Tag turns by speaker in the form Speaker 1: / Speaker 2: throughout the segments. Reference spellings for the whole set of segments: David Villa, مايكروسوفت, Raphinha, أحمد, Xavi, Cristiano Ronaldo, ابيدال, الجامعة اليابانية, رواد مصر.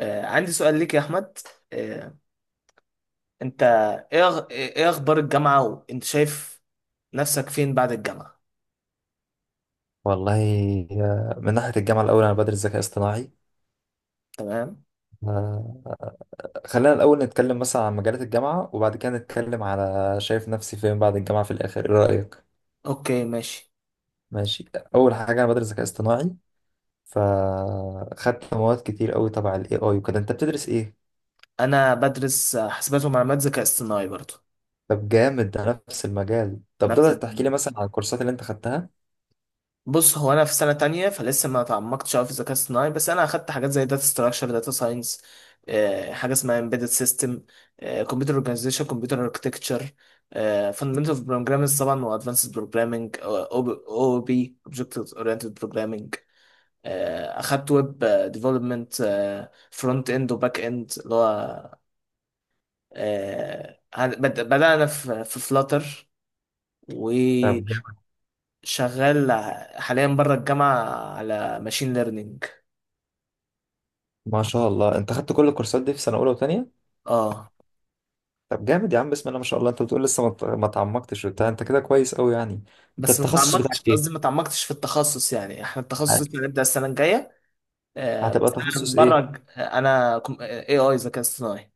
Speaker 1: عندي سؤال ليك يا أحمد. آه، أنت إيه أخبار الجامعة؟ وأنت شايف نفسك فين بعد الجامعة؟
Speaker 2: والله. من ناحية الجامعة الأول أنا بدرس ذكاء اصطناعي.
Speaker 1: تمام.
Speaker 2: آه، خلينا الأول نتكلم مثلا عن مجالات الجامعة وبعد كده نتكلم على شايف نفسي فين بعد الجامعة في الآخر إيه رأيك؟
Speaker 1: أوكي، ماشي.
Speaker 2: ماشي. أول حاجة أنا بدرس ذكاء اصطناعي فخدت مواد كتير قوي تبع ال AI وكده أنت بتدرس إيه؟
Speaker 1: أنا بدرس حاسبات ومعلومات ذكاء اصطناعي برضو.
Speaker 2: طب جامد، ده نفس المجال. طب
Speaker 1: نفس
Speaker 2: تقدر تحكي لي
Speaker 1: التمرين.
Speaker 2: مثلا عن الكورسات اللي أنت خدتها؟
Speaker 1: بص، هو أنا في سنة تانية فلسه ما تعمقتش أوي في الذكاء الاصطناعي، بس أنا أخدت حاجات زي داتا ستراكشر، داتا ساينس. حاجة اسمها امبيدد سيستم، كمبيوتر اورجانيزيشن، كمبيوتر اركتكتشر، فاندمنتال بروجرامز طبعا، وادفانسد بروجرامنج او بي اوبجكت اورينتد بروجرامنج. اخدت ويب ديفلوبمنت، فرونت اند وباك اند. اللي هو بدأنا في فلاتر،
Speaker 2: طب
Speaker 1: وشغال
Speaker 2: جامد،
Speaker 1: حاليا بره الجامعة على ماشين ليرنينج.
Speaker 2: ما شاء الله أنت خدت كل الكورسات دي في سنة أولى وتانية؟
Speaker 1: اه.
Speaker 2: طب جامد يا عم، بسم الله ما شاء الله. أنت بتقول لسه ما تعمقتش وبتاع، أنت كده كويس قوي يعني. أنت
Speaker 1: بس ما
Speaker 2: التخصص
Speaker 1: تعمقتش،
Speaker 2: بتاعك
Speaker 1: قصدي ما تعمقتش في التخصص، يعني احنا التخصص
Speaker 2: هت-
Speaker 1: اللي هنبدأ السنة الجاية.
Speaker 2: هتبقى
Speaker 1: بس انا
Speaker 2: تخصص ايه؟
Speaker 1: اي اي ذكاء اصطناعي.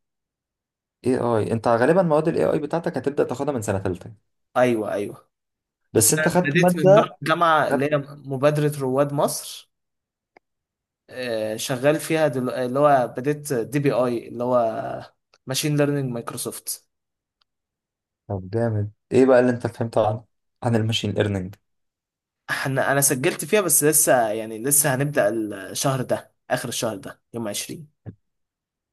Speaker 2: اي اي، انت غالبا مواد الاي اي بتاعتك هتبدأ تاخدها من سنة تالتة.
Speaker 1: ايوه، ايوه. بس
Speaker 2: بس انت
Speaker 1: انا
Speaker 2: خدت
Speaker 1: بديت من بره
Speaker 2: مادة،
Speaker 1: الجامعة، اللي هي
Speaker 2: خدت
Speaker 1: مبادرة رواد مصر. شغال فيها اللي هو، بديت دي بي اي اللي هو ماشين ليرنينج مايكروسوفت.
Speaker 2: طب جامد. ايه بقى اللي انت فهمته عن عن الماشين ليرنينج؟
Speaker 1: انا سجلت فيها، بس لسه يعني لسه هنبدأ الشهر ده، اخر الشهر ده يوم 20.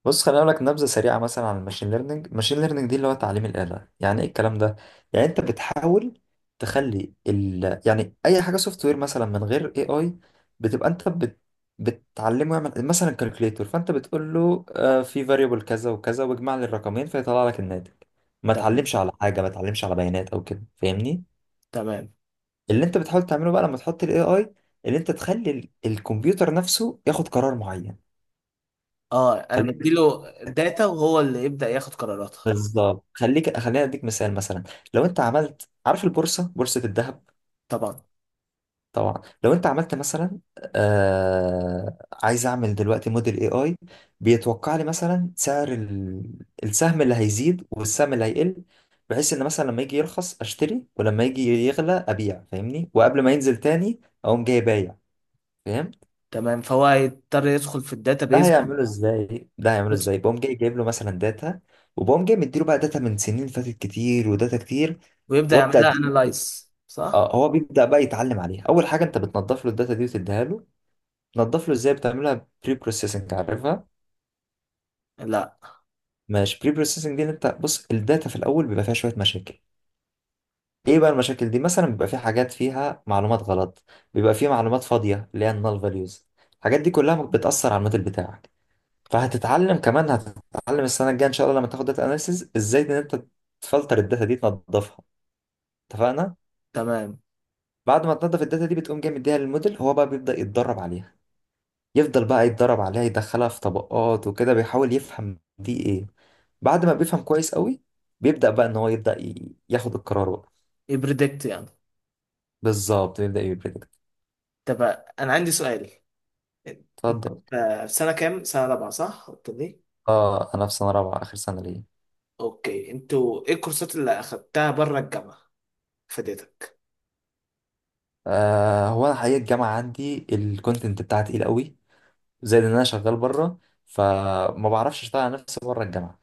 Speaker 2: بص خليني اقول لك نبذه سريعه مثلا عن الماشين ليرنينج. الماشين ليرنينج دي اللي هو تعليم الاله. يعني ايه الكلام ده؟ يعني انت بتحاول تخلي ال، يعني اي حاجه سوفت وير مثلا من غير اي اي بتبقى انت بت، بتعلمه يعمل مثلا كالكوليتور، فانت بتقول له في فاريبل كذا وكذا واجمع لي الرقمين فيطلع لك الناتج، ما
Speaker 1: تمام،
Speaker 2: تعلمش على حاجه، ما تعلمش على بيانات او كده، فاهمني؟
Speaker 1: تمام.
Speaker 2: اللي انت بتحاول تعمله بقى لما تحط الاي اي، اللي انت تخلي ال، الكمبيوتر نفسه ياخد قرار معين.
Speaker 1: اه، انا بديله داتا وهو اللي يبدأ ياخد قراراتها.
Speaker 2: بالظبط، خليك خليني اديك مثال. مثلا لو انت عملت، عارف البورصه، بورصه الذهب؟
Speaker 1: طبعا.
Speaker 2: طبعا. لو انت عملت مثلا، عايز اعمل دلوقتي موديل اي اي بيتوقع لي مثلا سعر ال، السهم اللي هيزيد والسهم اللي هيقل، بحيث ان مثلا لما يجي يرخص اشتري ولما يجي يغلى ابيع، فاهمني؟ وقبل ما ينزل تاني اقوم جاي بايع، فاهم؟
Speaker 1: تمام، فهو هيضطر يدخل في
Speaker 2: ده
Speaker 1: الداتابيز
Speaker 2: هيعمله ازاي؟ ده هيعمله ازاي؟ بقوم جاي جايب له مثلا داتا، وبقوم جاي مديله بقى داتا من سنين فاتت كتير، وداتا كتير،
Speaker 1: ويبدأ يعمل
Speaker 2: وابدا
Speaker 1: لها
Speaker 2: اديله.
Speaker 1: انالايز، صح.
Speaker 2: اه هو بيبدأ بقى يتعلم عليها. أول حاجة أنت بتنضف له الداتا دي وتديها له. تنضف له إزاي؟ بتعملها بري بروسيسنج، عارفها؟
Speaker 1: لا.
Speaker 2: مش بري بروسيسنج دي إن أنت، بص الداتا في الأول بيبقى فيها شوية مشاكل. إيه بقى المشاكل دي؟ مثلا بيبقى في حاجات فيها معلومات غلط، بيبقى في معلومات فاضية اللي هي النال فاليوز. الحاجات دي كلها بتأثر على الموديل بتاعك. فهتتعلم كمان، هتتعلم السنة الجاية إن شاء الله لما تاخد داتا أناليسيز إزاي إن أنت تفلتر الداتا دي، تنضفها. اتفقنا؟
Speaker 1: تمام.
Speaker 2: بعد ما تنضف الداتا دي بتقوم جاي مديها للموديل، هو بقى بيبدأ يتدرب عليها، يفضل بقى يتدرب عليها، يدخلها في طبقات وكده، بيحاول يفهم دي ايه. بعد ما بيفهم كويس قوي بيبدأ بقى ان هو يبدأ ياخد القرار بقى.
Speaker 1: يبريدكت يعني.
Speaker 2: بالظبط، بيبدأ يبريدكت.
Speaker 1: طب، انا عندي سؤال. انت
Speaker 2: اتفضل.
Speaker 1: في سنة كام؟ سنة رابعة، صح؟ قلت لي.
Speaker 2: اه انا في سنة رابعة، اخر سنة ليا.
Speaker 1: اوكي، انتوا ايه الكورسات اللي اخدتها بره الجامعه؟ فادتك؟
Speaker 2: آه هو انا حقيقة الجامعة عندي الكونتنت بتاعها تقيل قوي، زائد ان انا شغال بره، فما بعرفش اشتغل على نفسي بره الجامعة،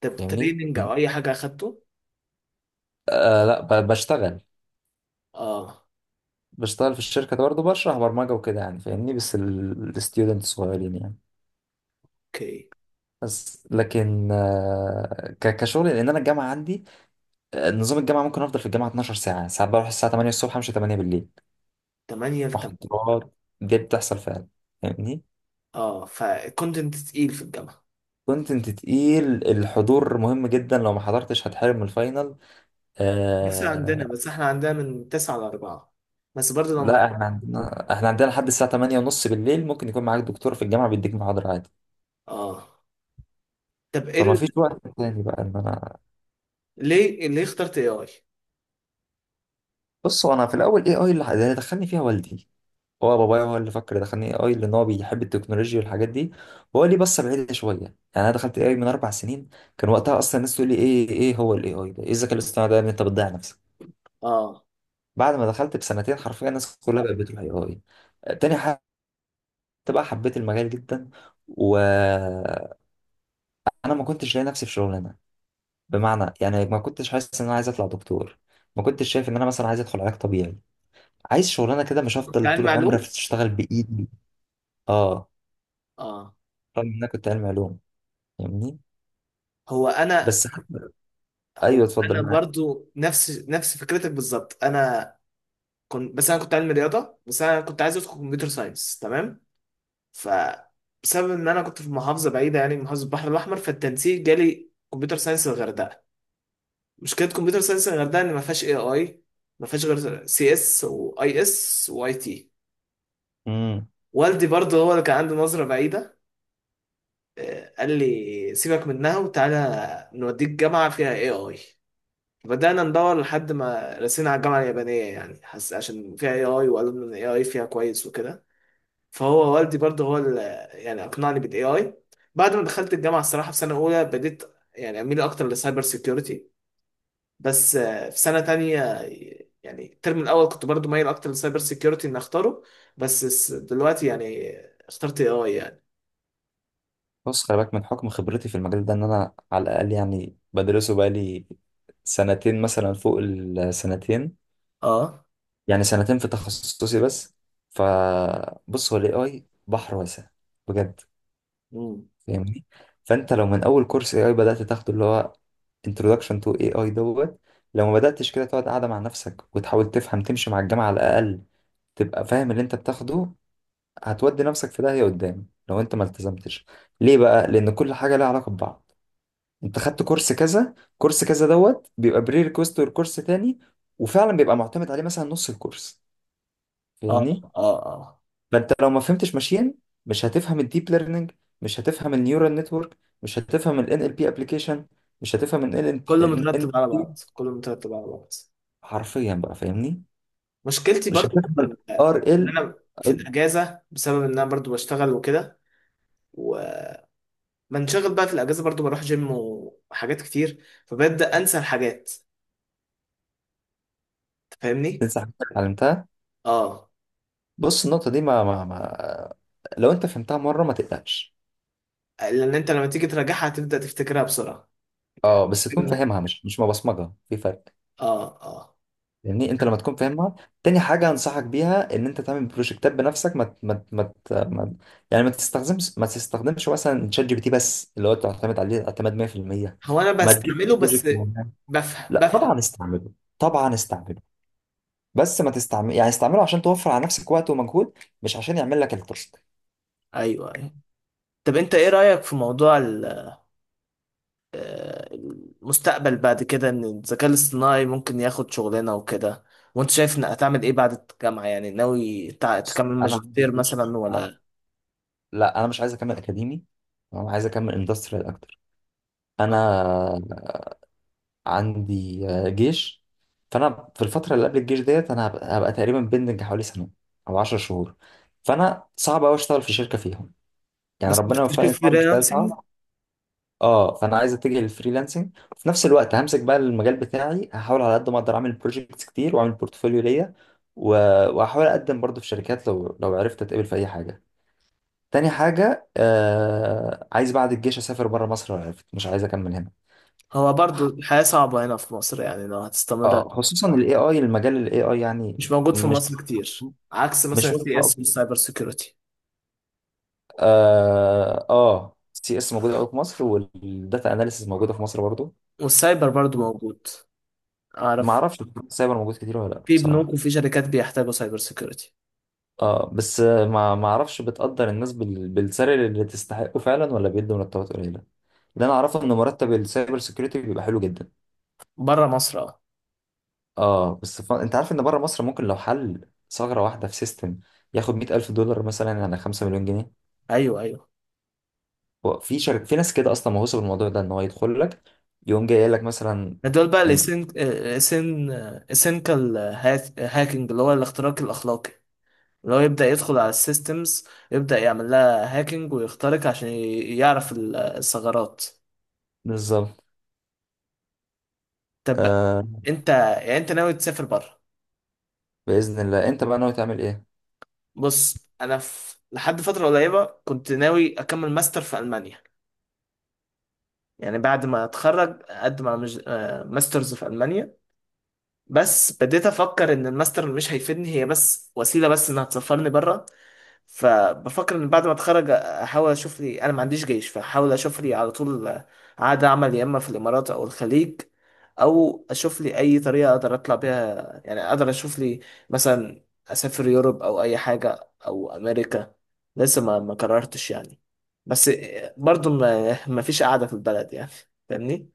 Speaker 1: طب،
Speaker 2: فاهمني؟
Speaker 1: تريننج او اي حاجه اخدته؟
Speaker 2: آه لا، بشتغل.
Speaker 1: اه.
Speaker 2: بشتغل في الشركة برضه، بشرح برمجة وكده يعني، فاهمني؟ بس الستودنت صغيرين يعني.
Speaker 1: اوكي.
Speaker 2: بس لكن كشغل. لان انا الجامعه عندي، نظام الجامعه، ممكن افضل في الجامعه 12 ساعه. ساعات بروح الساعه 8 الصبح مش 8 بالليل،
Speaker 1: 8 ل 8.
Speaker 2: محاضرات. دي بتحصل فعلا، فاهمني؟
Speaker 1: اه، فالكونتنت تقيل في الجامعه.
Speaker 2: كونتنت تقيل، الحضور مهم جدا، لو ما حضرتش هتحرم من الفاينل.
Speaker 1: لسه
Speaker 2: آه
Speaker 1: عندنا، بس احنا عندنا من 9 ل 4. بس برضه لو
Speaker 2: لا،
Speaker 1: محتاج.
Speaker 2: احنا عندنا، احنا عندنا لحد الساعه 8 ونص بالليل، ممكن يكون معاك دكتور في الجامعه بيديك محاضره عادي.
Speaker 1: اه. طب ايه
Speaker 2: فما فيش وقت تاني بقى ان انا.
Speaker 1: ليه اخترت اي اي؟
Speaker 2: بصوا انا في الاول، ايه اي اللي اللي دخلني فيها والدي. هو بابايا هو اللي فكر دخلني اي اي، لان هو بيحب التكنولوجيا والحاجات دي، وهو لي بصه بعيده شويه يعني. انا دخلت اي اي من اربع سنين، كان وقتها اصلا الناس تقول لي ايه، ايه إيه هو الاي اي ده؟ ايه الذكاء الاصطناعي ده يا ابني؟ انت بتضيع نفسك.
Speaker 1: اه.
Speaker 2: بعد ما دخلت بسنتين حرفيا الناس كلها بقت بتروح اي اي. تاني حاجه، بقى حبيت المجال جدا. وانا ما كنتش لاقي نفسي في شغلانه، بمعنى يعني ما كنتش حاسس ان انا عايز اطلع دكتور، ما كنتش شايف ان انا مثلا عايز ادخل علاج طبيعي، عايز شغلانه كده، مش
Speaker 1: كنت
Speaker 2: هفضل
Speaker 1: علم
Speaker 2: طول عمري
Speaker 1: معلوم.
Speaker 2: اشتغل بايدي. اه.
Speaker 1: اه.
Speaker 2: رغم ان انا كنت علمي علوم، فاهمني؟
Speaker 1: هو انا
Speaker 2: بس
Speaker 1: هو
Speaker 2: ايوه اتفضل
Speaker 1: انا
Speaker 2: معاك.
Speaker 1: برضو نفس فكرتك بالظبط. انا بس انا كنت علم رياضه، بس انا كنت عايز ادخل كمبيوتر ساينس. تمام. فبسبب ان انا كنت في محافظه بعيده، يعني محافظه البحر الاحمر، فالتنسيق جالي كمبيوتر ساينس الغردقه. مشكله كمبيوتر ساينس الغردقه ان ما فيهاش اي اي، ما فيهاش غير سي اس واي اس واي تي.
Speaker 2: امم
Speaker 1: والدي برضه هو اللي كان عنده نظره بعيده. قال لي سيبك منها وتعالى نوديك جامعه فيها اي اي. بدأنا ندور لحد ما رسينا على الجامعة اليابانية، يعني حس عشان فيها اي اي وقالوا ان الاي اي فيها كويس وكده. فهو والدي برضه هو اللي يعني اقنعني بالاي اي. بعد ما دخلت الجامعه، الصراحه في سنه اولى بديت يعني اميل اكتر للسايبر سيكيورتي. بس في سنه تانية، يعني الترم الاول كنت برضه مايل اكتر للسايبر سيكيورتي اني اختاره. بس دلوقتي يعني اخترت اي اي يعني.
Speaker 2: بص، خلي بالك من حكم خبرتي في المجال ده، ان انا على الاقل يعني بدرسه بقالي سنتين، مثلا فوق السنتين،
Speaker 1: اه.
Speaker 2: يعني سنتين في تخصصي بس. فبص، هو الاي اي بحر واسع، بجد،
Speaker 1: مم.
Speaker 2: فاهمني؟ فانت لو من اول كورس اي اي بدات تاخده، اللي هو introduction to AI دوت، لو ما بداتش كده تقعد قاعده مع نفسك وتحاول تفهم، تمشي مع الجامعه على الاقل، تبقى فاهم اللي انت بتاخده. هتودي نفسك في داهية قدام لو انت ما التزمتش. ليه بقى؟ لان كل حاجة لها علاقة ببعض. انت خدت كورس كذا، كورس كذا دوت بيبقى بري ريكوست لكورس تاني، وفعلا بيبقى معتمد عليه مثلا نص الكورس،
Speaker 1: اه،
Speaker 2: فاهمني؟
Speaker 1: اه، اه.
Speaker 2: فانت لو ما فهمتش ماشين مش هتفهم الديب ليرنينج، مش هتفهم النيورال نتورك، مش هتفهم ال NLP ابلكيشن، مش هتفهم ال
Speaker 1: كله
Speaker 2: ان
Speaker 1: مترتب على
Speaker 2: NLP،
Speaker 1: بعض، كله مترتب على بعض.
Speaker 2: حرفيا بقى، فاهمني؟
Speaker 1: مشكلتي
Speaker 2: مش
Speaker 1: برضو
Speaker 2: هتفهم ال
Speaker 1: ان
Speaker 2: RL.
Speaker 1: انا في الاجازه، بسبب ان انا برضو بشتغل وكده، بنشغل بقى في الاجازه، برضو بروح جيم وحاجات كتير فببدا انسى الحاجات. أنت فاهمني؟
Speaker 2: تنسى حاجات اتعلمتها.
Speaker 1: اه.
Speaker 2: بص النقطة دي ما لو انت فهمتها مرة ما تقلقش.
Speaker 1: لان انت لما تيجي تراجعها هتبدا تفتكرها بسرعه.
Speaker 2: اه بس تكون فاهمها، مش مبصمجه، في فرق.
Speaker 1: اه، اه.
Speaker 2: يعني انت لما تكون فاهمها. تاني حاجه انصحك بيها ان انت تعمل بروجكتات بنفسك، ما ت- ما ت- ما ت- ما ت- يعني ما تستخدمش مثلا شات جي بي تي بس، اللي هو تعتمد عليه اعتماد 100%.
Speaker 1: هو انا
Speaker 2: ما تجيب
Speaker 1: بستعمله بس.
Speaker 2: بروجكت معين.
Speaker 1: بفهم،
Speaker 2: لا
Speaker 1: بفهم.
Speaker 2: طبعا استعمله، طبعا استعمله، بس ما تستعمل، يعني استعمله عشان توفر على نفسك وقت ومجهود، مش عشان يعمل لك التاسك.
Speaker 1: ايوه، ايوه. طب انت ايه
Speaker 2: بس.
Speaker 1: رايك في موضوع ال- المستقبل بعد كده ان الذكاء الاصطناعي ممكن ياخد شغلنا وكده. وانت شايف انك هتعمل ايه بعد الجامعه؟ يعني ناوي
Speaker 2: بس
Speaker 1: تكمل
Speaker 2: انا عندي
Speaker 1: ماجستير
Speaker 2: بيج.
Speaker 1: مثلا ولا؟
Speaker 2: لا انا مش عايز اكمل اكاديمي، انا عايز اكمل اندستريال اكتر. انا عندي جيش، فانا في الفتره اللي قبل الجيش ديت انا هبقى تقريبا بندنج حوالي سنه او 10 شهور، فانا صعب قوي اشتغل في شركه فيهم. يعني
Speaker 1: بس
Speaker 2: ربنا وفقني
Speaker 1: تشوف
Speaker 2: طبعا بس
Speaker 1: فريلانسنج.
Speaker 2: تعب. اه فانا عايز اتجه للفريلانسنج، وفي نفس الوقت همسك بقى المجال بتاعي، هحاول على قد ما اقدر اعمل بروجكتس كتير واعمل بورتفوليو ليا، و- وهحاول اقدم برضه في شركات، لو عرفت اتقبل في اي حاجه. تاني حاجه، آه عايز بعد الجيش اسافر بره مصر لو عرفت، مش عايز اكمل هنا.
Speaker 1: هو برضو الحياة صعبة هنا في مصر يعني لو هتستمر.
Speaker 2: اه خصوصا الاي اي، المجال الاي اي يعني
Speaker 1: مش موجود في
Speaker 2: مش
Speaker 1: مصر كتير عكس مثلا
Speaker 2: مش واخد
Speaker 1: السي اس
Speaker 2: حقه.
Speaker 1: والسايبر سيكيورتي.
Speaker 2: اه اه، سي اس موجوده قوي في مصر، والداتا اناليسيس موجوده في مصر برضو.
Speaker 1: والسايبر برضو موجود.
Speaker 2: ما
Speaker 1: أعرف.
Speaker 2: اعرفش السايبر موجود كتير ولا لا
Speaker 1: في بنوك
Speaker 2: بصراحه.
Speaker 1: وفي شركات بيحتاجوا سايبر سيكيورتي.
Speaker 2: اه بس ما اعرفش بتقدر الناس بال، بالسعر اللي تستحقه فعلا ولا بيدوا مرتبات قليله. اللي انا اعرفه ان مرتب السايبر سيكيورتي بيبقى حلو جدا.
Speaker 1: بره مصر، اه.
Speaker 2: اه بس ف، انت عارف ان بره مصر ممكن لو حل ثغره واحده في سيستم ياخد 100000 دولار مثلا يعني 5 مليون جنيه.
Speaker 1: أيوه، أيوه.
Speaker 2: هو في شرك، في ناس كده اصلا مهووسه بالموضوع ده ان هو يدخل لك، يقوم جاي قايل لك مثلا
Speaker 1: دول بقى
Speaker 2: انت.
Speaker 1: الاسين الاسين اسينكال هاكينج، اللي هو الاختراق الأخلاقي. اللي هو يبدأ يدخل على السيستمز، يبدأ يعمل لها هاكينج ويخترق عشان يعرف الثغرات.
Speaker 2: بالظبط.
Speaker 1: طب،
Speaker 2: آه،
Speaker 1: انت يعني، انت ناوي تسافر بره؟
Speaker 2: باذن الله. انت بقى ناوي تعمل ايه؟
Speaker 1: بص، انا في لحد فتره قريبه كنت ناوي اكمل ماستر في المانيا. يعني بعد ما اتخرج اقدم على ماسترز في المانيا. بس بديت افكر ان الماستر مش هيفيدني، هي بس وسيله بس انها تسفرني بره. فبفكر ان بعد ما اتخرج احاول اشوف لي، انا ما عنديش جيش فاحاول اشوف لي على طول عقد عمل، يا اما في الامارات او الخليج، او اشوف لي اي طريقه اقدر اطلع بيها، يعني اقدر اشوف لي مثلا اسافر يوروب او اي حاجه او امريكا. لسه ما قررتش يعني. بس برضو ما فيش قاعده في البلد يعني. فاهمني.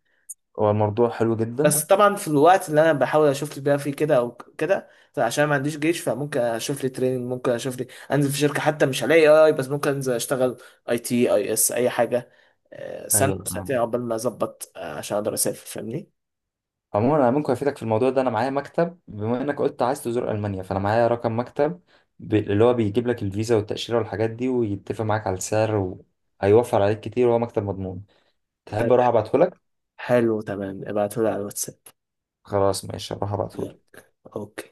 Speaker 2: هو الموضوع حلو جدا.
Speaker 1: بس طبعا في الوقت اللي انا بحاول اشوف لي بقى فيه كده او كده، عشان ما عنديش جيش فممكن اشوف لي تريننج، ممكن اشوف لي انزل في شركه حتى، مش هلاقي اي اي بس ممكن انزل اشتغل اي تي اي اس اي حاجه. سنه
Speaker 2: ايوه
Speaker 1: أو سنتين
Speaker 2: فاهم.
Speaker 1: عقبال ما اظبط، عشان اقدر اسافر فاهمني.
Speaker 2: عموما انا ممكن افيدك في الموضوع ده، انا معايا مكتب، بما انك قلت عايز تزور المانيا فانا معايا رقم مكتب اللي هو بيجيب لك الفيزا والتاشيره والحاجات دي ويتفق معاك على السعر، وهيوفر عليك كتير، وهو مكتب مضمون. تحب
Speaker 1: طيب.
Speaker 2: اروح ابعته لك؟
Speaker 1: حلو تمام، ابعتهولي على الواتساب.
Speaker 2: خلاص ماشي، اروح ابعته
Speaker 1: يلا،
Speaker 2: لك.
Speaker 1: اوكي.